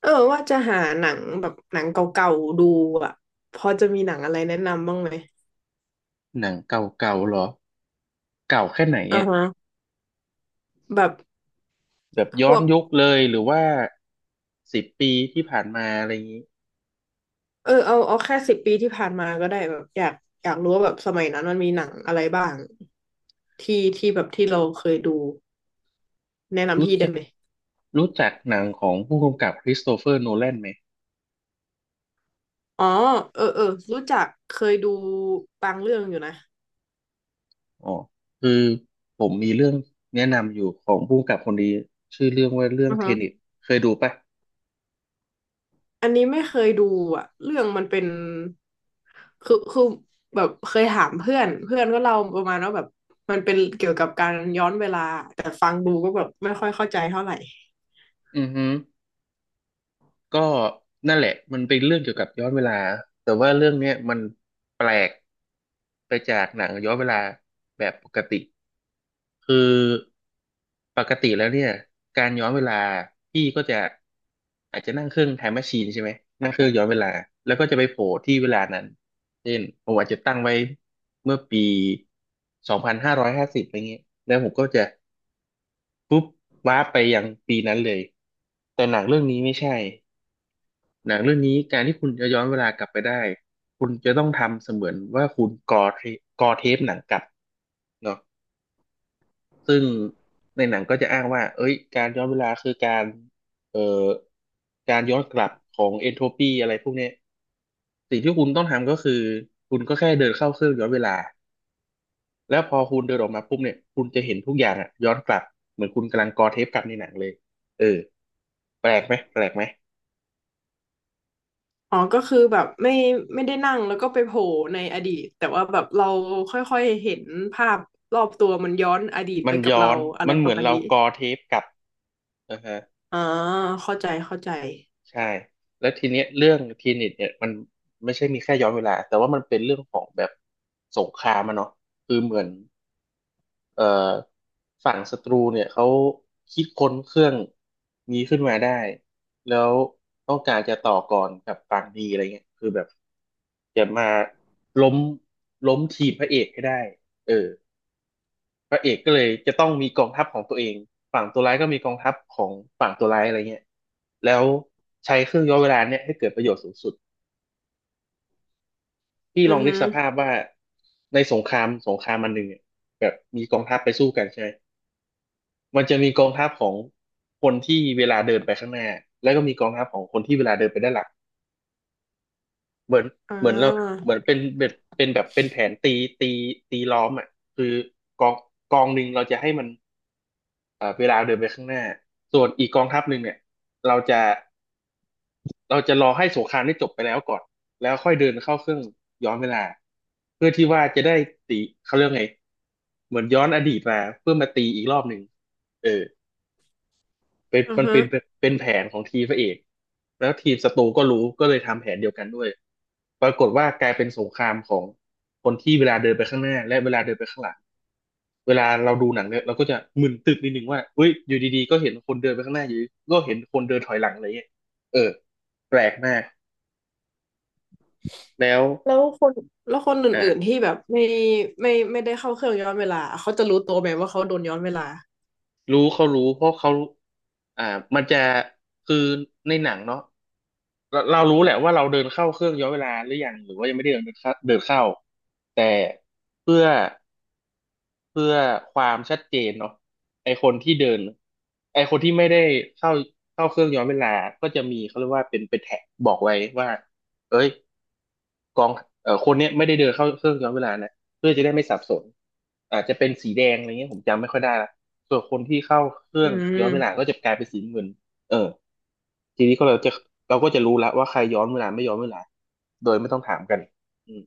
เออว่าจะหาหนังแบบหนังเก่าๆดูอ่ะพอจะมีหนังอะไรแนะนำบ้างไหมหนังเก่าๆเหรอ เก่าแค่ไหนอ่าเนี่ยฮะแบบแบบพย้วอนกยุคเลยหรือว่า10 ปีที่ผ่านมาอะไรอย่างนี้เออเอาแค่สิบปีที่ผ่านมาก็ได้แบบอยากรู้ว่าแบบสมัยนั้นมันมีหนังอะไรบ้างที่แบบที่เราเคยดูแนะนำรู้พี่ได้จักไหมรู้จักหนังของผู้กำกับคริสโตเฟอร์โนแลนไหมอ๋อเออเออรู้จักเคยดูบางเรื่องอยู่นะอ๋อคือผมมีเรื่องแนะนำอยู่ของผู้กำกับคนนี้ชื่อเรื่องว่าเรื่องอือเทฮะ เน็ตเคยดูปะอันนี้ไม่เคยดูอ่ะเรื่องมันเป็น คือแบบเคยถามเพื่อนเพื่อนก็เล่าประมาณว่าแบบมันเป็นเกี่ยวกับการย้อนเวลาแต่ฟังดูก็แบบไม่ค่อยเข้าใจเท่าไหร่อือฮึ ก็นั่นแหละมันเป็นเรื่องเกี่ยวกับย้อนเวลาแต่ว่าเรื่องเนี้ยมันแปลกไปจากหนังย้อนเวลาแบบปกติคือปกติแล้วเนี่ยการย้อนเวลาพี่ก็จะอาจจะนั่งเครื่องไทม์แมชชีนใช่ไหมนั่งเครื่องย้อนเวลาแล้วก็จะไปโผล่ที่เวลานั้นเช่นผมอาจจะตั้งไว้เมื่อปี2550อะไรเงี้ยแล้วผมก็จะปุ๊บว้าร์ปไปยังปีนั้นเลยแต่หนังเรื่องนี้ไม่ใช่ หนังเรื่องนี้การที่คุณจะย้อนเวลากลับไปได้คุณจะต้องทำเสมือนว่าคุณกอเทปหนังกลับเนาะซึ่งในหนังก็จะอ้างว่าเอ้ยการย้อนเวลาคือเอ่อการย้อนกลับของเอนโทรปีอะไรพวกเนี้ยสิ่งที่คุณต้องทำก็คือคุณก็แค่เดินเข้าเครื่องย้อนเวลาแล้วพอคุณเดินออกมาปุ๊บเนี่ยคุณจะเห็นทุกอย่างอะย้อนกลับเหมือนคุณกำลังกอเทปกลับในหนังเลยเออแปลกไหมแปลกไหมอ๋อก็คือแบบไม่ได้นั่งแล้วก็ไปโผล่ในอดีตแต่ว่าแบบเราค่อยๆเห็นภาพรอบตัวมันย้อนอดีตมัไปนกับย้อเรานอะไรมันปเหมืระอนมาณเรานี้กอเทปกลับนะฮะ อ๋อเข้าใจเข้าใจใช่แล้วทีเนี้ยเรื่องทีนิตเนี่ยมันไม่ใช่มีแค่ย้อนเวลาแต่ว่ามันเป็นเรื่องของแบบสงครามอะเนาะคือเหมือนเอ่อฝั่งศัตรูเนี่ยเขาคิดค้นเครื่องนี้ขึ้นมาได้แล้วต้องการจะต่อก่อนกับฝั่งดีอะไรเงี้ยคือแบบจะมาล้มล้มทีมพระเอกให้ได้เออ พระเอกก็เลยจะต้องมีกองทัพของตัวเองฝั่งตัวร้ายก็มีกองทัพของฝั่งตัวร้ายอะไรเงี้ยแล้วใช้เครื่องย้อนเวลาเนี่ยให้เกิดประโยชน์สูงสุดพี่อืลอองนึฮึกสภาพว่าในสงครามมันหนึ่งเนี่ยแบบมีกองทัพไปสู้กันใช่ไหมมันจะมีกองทัพของคนที่เวลาเดินไปข้างหน้าแล้วก็มีกองทัพของคนที่เวลาเดินไปด้านหลังเหมือนอ่เหมือนเราาเหมือนเป็นแบบเป็นแผนตีตีล้อมอ่ะคือกองกองหนึ่งเราจะให้มัน เวลาเดินไปข้างหน้า ส่วนอีกกองทัพหนึ่งเนี่ยเราจะเราจะรอให้สงครามได้จบไปแล้วก่อนแล้วค่อยเดินเข้าเครื่องย้อนเวลาเพื่อที่ว่าจะได้ตีเขาเรียกไงเหมือนย้อนอดีตมาเพื่อมาตีอีกรอบหนึ่งเออ เป็นอือมันฮึ เป็นเป็นแผนของทีมพระเอกแล้วทีมศัตรูก็รู้ก็เลยทำแผนเดียวกันด้วยปรากฏว่ากลายเป็นสงครามของคนที่เวลาเดินไปข้างหน้าและเวลาเดินไปข้างหลังเวลาเราดูหนังเนี่ยเราก็จะมึนตึกนิดนึงว่าเฮ้ยอยู่ดีๆก็เห็นคนเดินไปข้างหน้าอยู่ดีก็เห็นคนเดินถอยหลังอะไรเงี้ยเออแปลกมากแล้วแล้วคนแล้วคนอื่นๆอ่า ที่แบบไม่ได้เข้าเครื่องย้อนเวลาเขาจะรู้ตัวไหมว่าเขาโดนย้อนเวลารู้เขารู้เพราะเขาอ่ามันจะคือในหนังเนาะเรารู้แหละว่าเราเดินเข้าเครื่องย้อนเวลาหรือยังหรือว่ายังไม่ได้เดินเข้าแต่เพื่อเพื่อความชัดเจนเนาะไอคนที่เดินไอคนที่ไม่ได้เข้าเข้าเครื่องย้อนเวลาก็จะมีเขาเรียกว่าเป็นแท็กบอกไว้ว่าเอ้ย กองเอ่อคนเนี้ยไม่ได้เดินเข้าเครื่องย้อนเวลานะเพื่อจะได้ไม่สับสนอาจจะเป็นสีแดงอะไรเงี้ยผมจำไม่ค่อยได้ละส่วนคนที่เข้าเครื่อืองย้อนเวลามก็จะกลายเป็นสีน้ำเงินเออทีนี้ก็เราก็จะรู้ละว่าใครย้อนเวลาไม่ย้อนเวลาโดยไม่ต้องถามกันอืม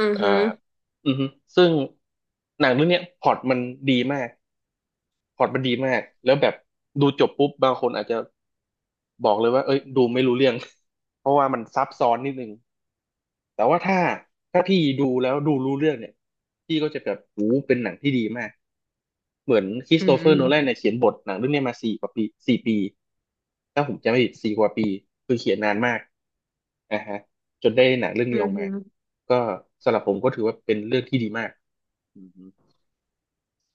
อือเอ่อฮึอือฮึซึ่งหนังเรื่องเนี้ยพล็อตมันดีมากพล็อตมันดีมากแล้วแบบดูจบปุ๊บบางคนอาจจะบอกเลยว่าเอ้ยดูไม่รู้เรื่อง เพราะว่ามันซับซ้อนนิดนึง แต่ว่าถ้าพี่ดูแล้วดูรู้เรื่องเนี่ยพี่ก็จะแบบโอ้เป็นหนังที่ดีมากเหมือนคริอืสโตมเฟออืร์โนแลนเนี่ยเขียนบทหนังเรื่องเนี้ยมาสี่กว่าปี4 ปีถ้าผมจำไม่ผิดสี่กว่าปีคือเขียนนานมากอ่าฮะจนได้หนังเรื่องอนี้ออกฮึมาก็สำหรับผมก็ถือว่าเป็นเรื่องที่ดีมากอื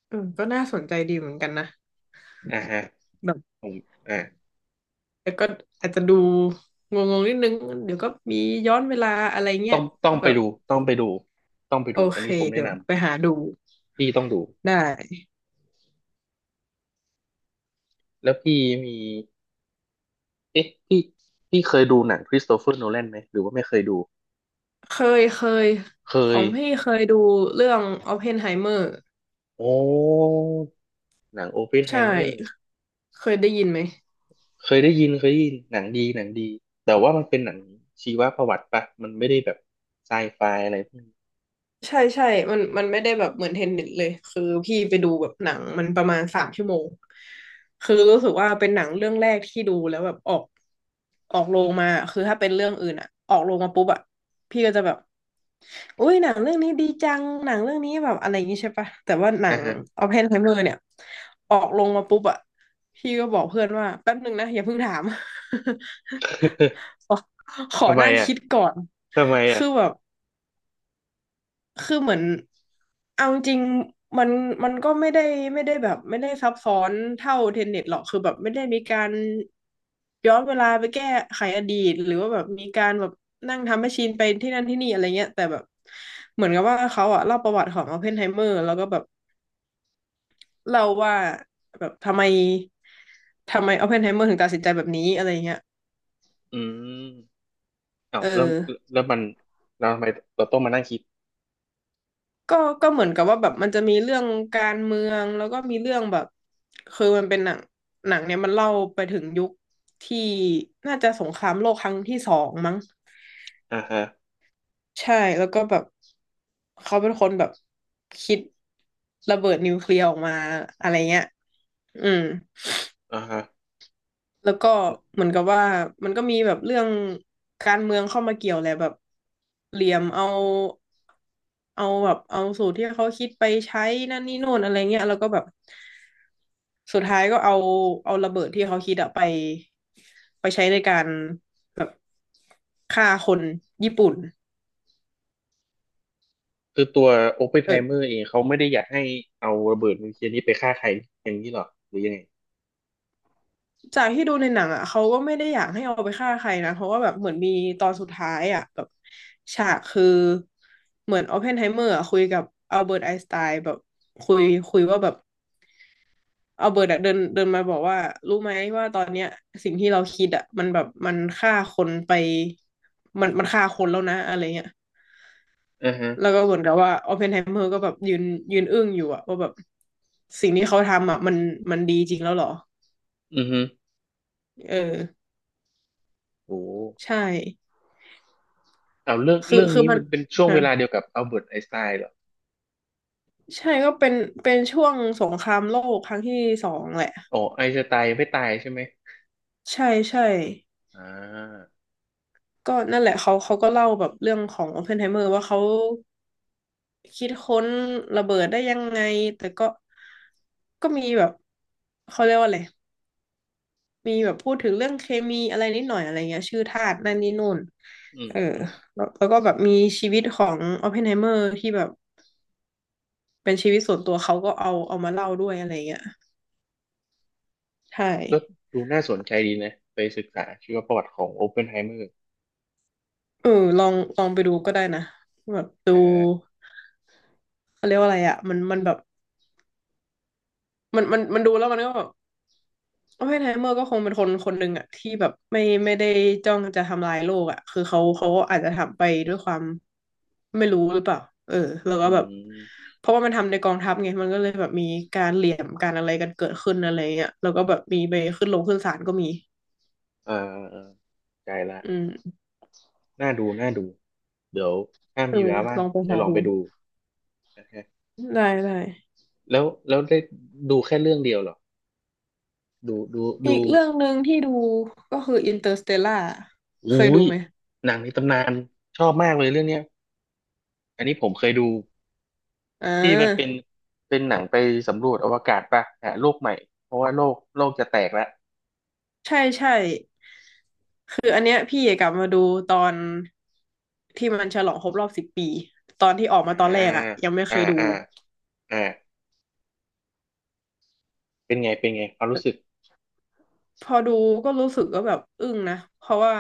เออก็น่าสนใจดีเหมือนกันนะอฮึอ่าฮะแบบผมอ่าแต่ก็อาจจะดูงงๆนิดนึงเดี๋ยวก็มีย้อนเวลาอะไรเงี้ต้ยองต้องแบไปบดูต้องไปดูโออันเคนี้ผมแนะเดี๋ยนวไปหาดูำพี่ต้องดูได้แล้วพี่มีเอ๊ะพี่เคยดูหนังคริสโตเฟอร์โนแลนไหมหรือว่าไม่เคยดู เคยเคยเคขยองพี่เคยดูเรื่อง o อปเพนไฮเมอร์โอ้หนังโอเพนไฮใช่เมอร์เคยได้ยินไหม เคยได้ยินหนังดีหนังดีแต่ว่ามันเป็นหนังชีวประวัติปะมันไม่ได้แบบไซไฟอะไรพวกนี้ใช่ใช่มันไม่ได้แบบเหมือนเทนนิสเลยคือพี่ไปดูแบบหนังมันประมาณสามชั่วโมงคือรู้สึกว่าเป็นหนังเรื่องแรกที่ดูแล้วแบบออกโรงมาคือถ้าเป็นเรื่องอื่นอะออกโรงมาปุ๊บอะพี่ก็จะแบบอุ้ยหนังเรื่องนี้ดีจังหนังเรื่องนี้แบบอะไรอย่างงี้ใช่ปะแต่ว่าหนัอ่างฮะ ออปเพนไฮเมอร์เนี่ยออกโรงมาปุ๊บอะพี่ก็บอกเพื่อนว่าแป๊บนึงนะอย่าเพิ่งถาม ขอข อทำไมนั่งอ่ะคิดก่อนทำไมอ่ะคือแบบ คือเหมือนเอาจริงๆมันก็ไม่ได้แบบไม่ได้ซับซ้อนเท่าเทนเน็ตหรอกคือแบบไม่ได้มีการย้อนเวลาไปแก้ไขอดีตหรือว่าแบบมีการแบบนั่งทำแมชชีนไปที่นั่นที่นี่อะไรเงี้ยแต่แบบเหมือนกับว่าเขาอะเล่าประวัติของอ p พนไฮเมอร์แล้วก็แบบเล่าว่าแบบทำไมอ p พนไฮเมอร์ถึงตัดสินใจแบบนี้อะไรเงี้ยอืมเอ้าเออ แล้วมันเราทำไมเราต้องมานั่งคิดก็ก็เหมือนกับว่าแบบมันจะมีเรื่องการเมืองแล้วก็มีเรื่องแบบคือมันเป็นหนังเนี่ยมันเล่าไปถึงยุคที่น่าจะสงครามโลกครั้งที่สองมั้งอ่าฮะใช่แล้วก็แบบเขาเป็นคนแบบคิดระเบิดนิวเคลียร์ออกมาอะไรเงี้ยอืม อ่าฮะแล้วก็เหมือนกับว่ามันก็มีแบบเรื่องการเมืองเข้ามาเกี่ยวแหละแบบเหลี่ยมเอาแบบเอาสูตรที่เขาคิดไปใช้นั่นนี่โน่นอะไรเงี้ยแล้วก็แบบสุดท้ายก็เอาระเบิดที่เขาคิดอะไปไปใช้ในการฆ่าคนญี่ปุ่นคือตัวโอปเพนไฮเมอเออ ร์เองเขาไม่ได้อยากให้เอาระเบิดนิวเคลียร์นี้ไปฆ่าใครอย่างนี้หรอหรือยังไงจากที่ดูในหนังอ่ะเขาก็ไม่ได้อยากให้เอาไปฆ่าใครนะเพราะว่าแบบเหมือนมีตอนสุดท้ายอ่ะแบบฉากคือเหมือนออปเพนไฮเมอร์คุยกับอัลเบิร์ตไอน์สไตน์แบบคุยคุยว่าแบบอัลเบิร์ตอะเดินเดินมาบอกว่ารู้ไหมว่าตอนเนี้ยสิ่งที่เราคิดอ่ะมันแบบมันฆ่าคนไปมันฆ่าคนแล้วนะอะไรเงี้ยอ่าฮะแล้วก็เหมือนกับว่าออปเพนไฮเมอร์ก็แบบยืนอึ้งอยู่อะว่าแบบสิ่งที่เขาทำอะมันดีจริงแล้วเหรออือฮึเออโอ้ ใช่เอาเรื่องคือเรื่องคือนี้มันมันเป็นช่วงฮะ เวลาเดียวกับอัลเบิร์ตไอน์สไตน์เหรอใช่ก็เป็นช่วงสงครามโลกครั้งที่สองแหละอ๋อไอน์สไตน์ไม่ตายใช่ไหมใช่ใช่อ่าก็นั่นแหละเขาก็เล่าแบบเรื่องของโอเพนไฮเมอร์ว่าเขาคิดค้นระเบิดได้ยังไงแต่ก็มีแบบเขาเรียกว่าอะไรมีแบบพูดถึงเรื่องเคมีอะไรนิดหน่อยอะไรเงี้ยชื่อธาตุอืนั่นมนี่นู่นอืม เอออืม แล้วแล้วก็แบบมีชีวิตของโอเพนไฮเมอร์ที่แบบเป็นชีวิตส่วนตัวเขาก็เอามาเล่าด้วยอะไรเงี้ยใช่ ก็ดูน่าสนใจดีนะไปศึกษาชีวประวัติของโอเพนไฮเมอร์เออลองไปดูก็ได้นะแบบดูฮะเขาเรียกว่าอะไรอ่ะมันแบบมันดูแล้วมันก็แบบโอ้ยไฮเมอร์ก็คงเป็นคนคนหนึ่งอ่ะที่แบบไม่ได้จ้องจะทำลายโลกอ่ะคือเขาอาจจะทำไปด้วยความไม่รู้หรือเปล่าเออแล้วก็อืแบบมเพราะว่ามันทำในกองทัพไงมันก็เลยแบบมีการเหลี่ยมการอะไรกันเกิดขึ้นอะไรเงี้ยแล้วก็แบบมีไปขึ้นลงขึ้นศาลก็มีอ่าอ่าใจละอืมน่าดูน่าดูเดี๋ยวถ้าเอมีเวอลาว่าลงองไปจะหาลองดูไปดูนะฮะได้ได้ แล้วได้ดูแค่เรื่องเดียวเหรอ ดูดูอีดูกเรื่องหนึ่งที่ดูก็คืออินเตอร์สเตลล่าอุ้เคยดูยไหมหนังในตำนานชอบมากเลยเรื่องเนี้ยอันนี้ผมเคยดู อ่ที่มันเป็นาเป็นหนังไปสำรวจอวกาศป่ะหาโลกใหม่เพราะว่าโลกจะแตกแล้วใช่ใช่คืออันเนี้ยพี่กลับมาดูตอนที่มันฉลองครบรอบสิบปีตอนที่ออกอ่ามาตอนแรกอะยังไม่เคอ่ายดูอ่าอ่าเป็นไงเป็นไงความรู้สึกพอดูก็รู้สึกก็แบบอึ้งนะเพราะว่า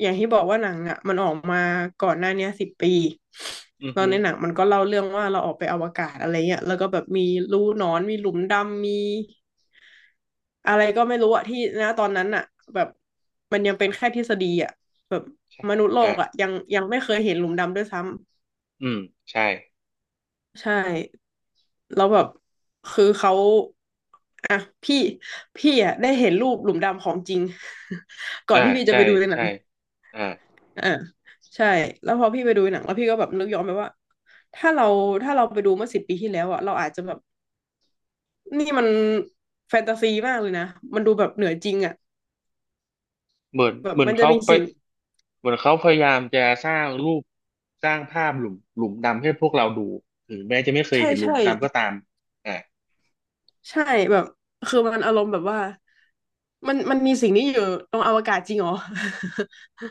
อย่างที่บอกว่าหนังอะมันออกมาก่อนหน้าเนี้สิบปีอือแล้วฮึในหนังมันก็เล่าเรื่องว่าเราออกไปอวกาศอะไรเงี้ยแล้วก็แบบมีรูหนอนมีหลุมดำมี อะไรก็ไม่รู้อะที่นะตอนนั้นอะแบบมันยังเป็นแค่ทฤษฎีอะแบบใช่มนุษย์โลอ่ากอะยังไม่เคยเห็นหลุมดำด้วยซ้อืมใช่ำใช่แล้วแบบคือเขาอะพี่พี่อะได้เห็นรูปหลุมดำของจริง ก่อนอ่าที่พี่จะใช่ไปดูในหนัใช่งอ่าอ่าใช่แล้วพอพี่ไปดูในหนังแล้วพี่ก็แบบนึกย้อนไปว่าถ้าเราถ้าเราไปดูเมื่อสิบปีที่แล้วอะเราอาจจะแบบนี่มันแฟนตาซีมากเลยนะมันดูแบบเหนือจริงอะเหมือนแบบเหมือนมันจะเขามีไปสิ่งเหมือนเขาพยายามจะสร้างรูปสร้างภาพหลุมดำให้พวกเราดูถึงแม้จะไม่เคยใช่เห็นหลุมใช่ ดำก็ตามอ่าใช่แบบคือมันอารมณ์แบบว่ามันมีสิ่งนี้อยู่ตรงอวกาศจริงเหรอ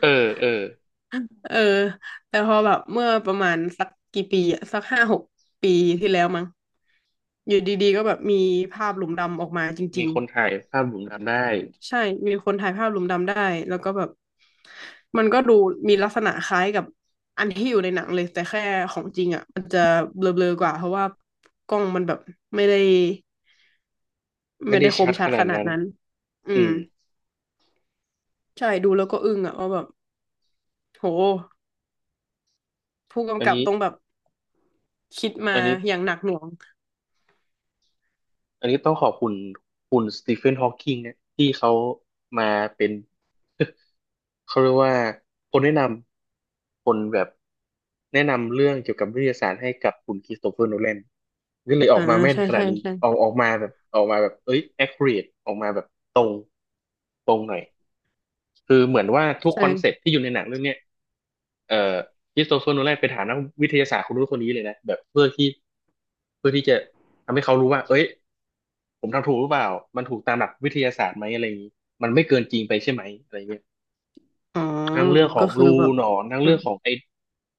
เออ เออเออแต่พอแบบเมื่อประมาณสักกี่ปีอะสัก5-6 ปีที่แล้วมั้งอยู่ดีๆก็แบบมีภาพหลุมดำออกมาจมีริงคนถ่ายภาพหลุมดำได้ๆใช่มีคนถ่ายภาพหลุมดำได้แล้วก็แบบมันก็ดูมีลักษณะคล้ายกับอันที่อยู่ในหนังเลยแต่แค่ของจริงอ่ะมันจะเบลอๆกว่าเพราะว่ากล้องมันแบบไม่ได้ไม่ได้คชัมดชัขดขนาดนาดนั้นนั้นอือืม มใช่ดูแล้วก็อึ้งอะว่าแบบโหผู้อักำนกับนี้ ต้องแบบคิดมาอันนี้อย่างหนักหน่วงอันนี้ต้องขอบคุณคุณสตีเฟนฮอว์กิงเนี่ยที่เขามาเป็น เขาเรียกว่าคนแนะนำคนแบบแนะนำเรื่องเกี่ยวกับวิทยาศาสตร์ให้กับคุณคริสโตเฟอร์โนแลนก็เลยอออ่ากมาแม่นใช่ขนาใช่ดนี้ใช่ออกมาแบบออกมาแบบเอ้ย accurate ออกมาแบบตรงตรงหน่อยคือเหมือนว่าทุกคอนเซ็ปต์ใช่ที่อยู่ในหนังเรื่องเนี้ยเอ่อคริสโตเฟอร์โนแลนไปถามนักวิทยาศาสตร์คนนู้นคนนี้เลยนะแบบเพื่อที่จะทำให้เขารู้ว่าเอ้ย ผมทำถูกหรือเปล่ามันถูกตามหลักวิทยาศาสตร์ไหมอะไรอย่างนี้มันไม่เกินจริงไปใช่ไหมอะไรเงี้ยอ๋อทั้งเรื่องขอก็งคือรูแบบหนอนทั้งอืเรื่อมงของไอ้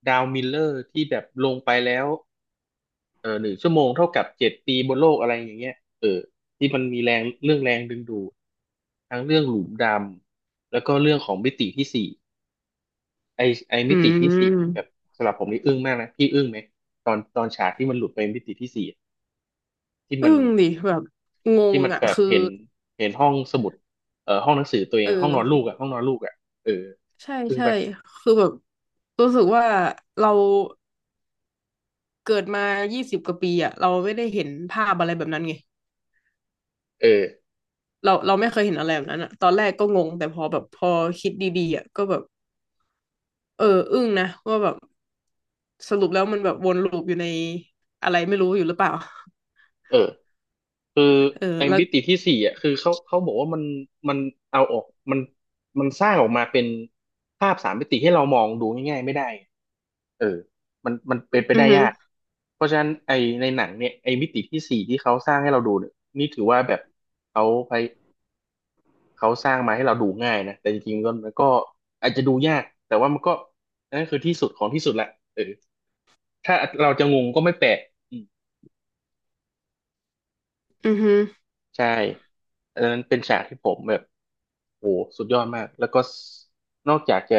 ดาวมิลเลอร์ที่แบบลงไปแล้วเออ1 ชั่วโมงเท่ากับ7 ปีบนโลกอะไรอย่างเงี้ยเออที่มันมีแรงเรื่องแรงดึงดูดทั้งเรื่องหลุมดำแล้วก็เรื่องของมิติที่สี่ไอ้ไอ้อืมิติที่สี่นี่แบบมสำหรับผมนี่อึ้งมากนะพี่อึ้งไหมตอนฉากที่มันหลุดไปมิติที่สี่อะที่มัอึ้น งดิแบบงที่งมันอะแบบคือเห็นห้องสมุดห้องหนังสือตัวเองเอห้องนอนลูกออ่ะห้องนอนลูกอ่ะเออใช่ซึ่งใช่ไปคือแบบรู้สึกว่าเราเกิดมา20 กว่าปีอะเราไม่ได้เห็นภาพอะไรแบบนั้นไงเออเราไม่เคยเห็นอะไรแบบนั้นอะตอนแรกก็งงแต่พอแบบพอคิดดีๆอะก็แบบเอออึ้งนะว่าแบบ สรุปแล้วมันแบบวนลูปอยู่ในอะไรไม่รู้อยู่หรือเปล่าเออคือเออไอ้แล้วมิติที่สี่อ่ะคือเขาบอกว่ามันมันเอาออกมันมันสร้างออกมาเป็นภาพสามมิติให้เรามองดูง่ายๆไม่ได้เออมันเป็นไปอือได้ฮึยากเพราะฉะนั้นไอ้ในหนังเนี่ยไอ้มิติที่สี่ที่เขาสร้างให้เราดูเนี่ยนี่ถือว่าแบบเขาไป เขาสร้างมาให้เราดูง่ายนะแต่จริงๆมันก็อาจจะดูยาก แต่ว่ามันก็อันนั่นคือที่สุดของที่สุดแหละเออถ้าเราจะงงก็ไม่แปลกอืมอือฮึใช่อันนั้นเป็นฉากที่ผมแบบโอ้สุดยอดมากแล้วก็นอกจากจะ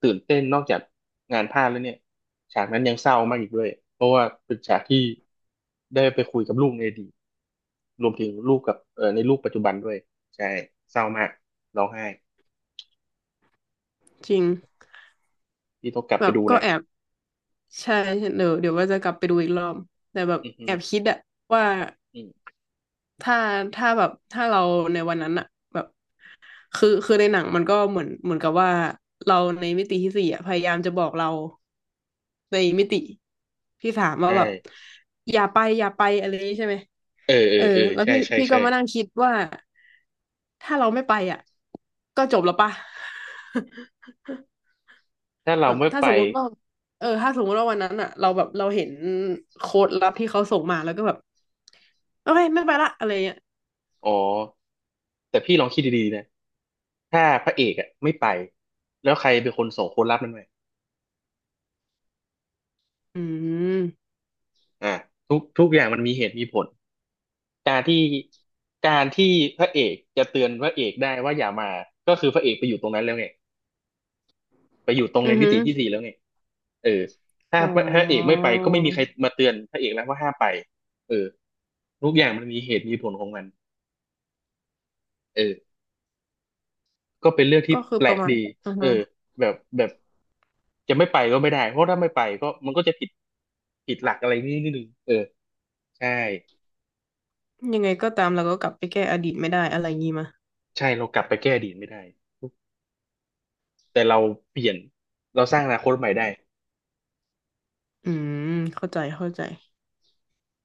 ตื่นเต้นนอกจากงานพลาดแล้วเนี่ยฉากนั้นยังเศร้ามากอีกด้วย เพราะว่าเป็นฉากที่ได้ไปคุยกับลูกในอดีตรวมถึงลูกกับในลูกปัจจุบันด้วยใช่เศร้ามากร้องไห้จริงพี่ต้องกลับแบไปบดูก็นะแอบใช่เดี๋ยวว่าจะกลับไปดูอีกรอบแต่แบบอือฮึแอบคิดอะว่าอืมถ้าถ้าแบบถ้าเราในวันนั้นอะแบบคือคือในหนังมันก็เหมือนกับว่าเราในมิติที่สี่อะพยายามจะบอกเราในมิติที่สามว่าใช่ แบบอย่าไปอย่าไปอะไรอย่างนี้ใช่ไหมเออเอเอออเออแล้วใช่พี่ใช่พี่ก็ใช่มานั่งคิดว่า ถ้าเราไม่ไปอ่ะก็จบแล้วป่ะ ถ้าเราแบบไม่ถ้าไปสมมุติว่าเออถ้าสมมุติว่าวันนั้นอ่ะเราแบบเราเห็นโค้ดลับที่เขาส่งมาแล้วก็แบบโอเคไม่ไปละอะไรเงี้ยอ๋อแต่พี่ลองคิดดีๆนะถ้าพระเอกอ่ะไม่ไปแล้วใครเป็นคนส่งคนรับมันไปอืมอ่าทุกอย่างมันมีเหตุมีผลการที่การที่พระเอกจะเตือนพระเอกได้ว่าอย่ามาก็คือพระเอกไปอยู่ตรงนั้นแล้วไงไปอยู่ตรงอืในอมิหือติที่สี่แล้วไงเออถ้าอ๋อพระเอกไม่ไปก็ไม่มีใครมาเตือนพระเอกแล้วว่าห้ามไปเออทุกอย่างมันมีเหตุมีผลของมันเออก็เป็นเรื่องที่ก็คือแปลประกมาณดีอือเออฮะแบบ จะไม่ไปก็ไม่ได้เพราะถ้าไม่ไปก็มันก็จะผิดผิดหลักอะไรนิดนึงเออใช่ยังไงก็ตามเราก็กลับไปแก้อดีตไม่ได้อะไรงี้มาใช่เรากลับไปแก้อดีตไม่ได้แต่เราเปลี่ยนเราสร้างอนาคตใหม่ได้อืมเข้าใจเข้าใจ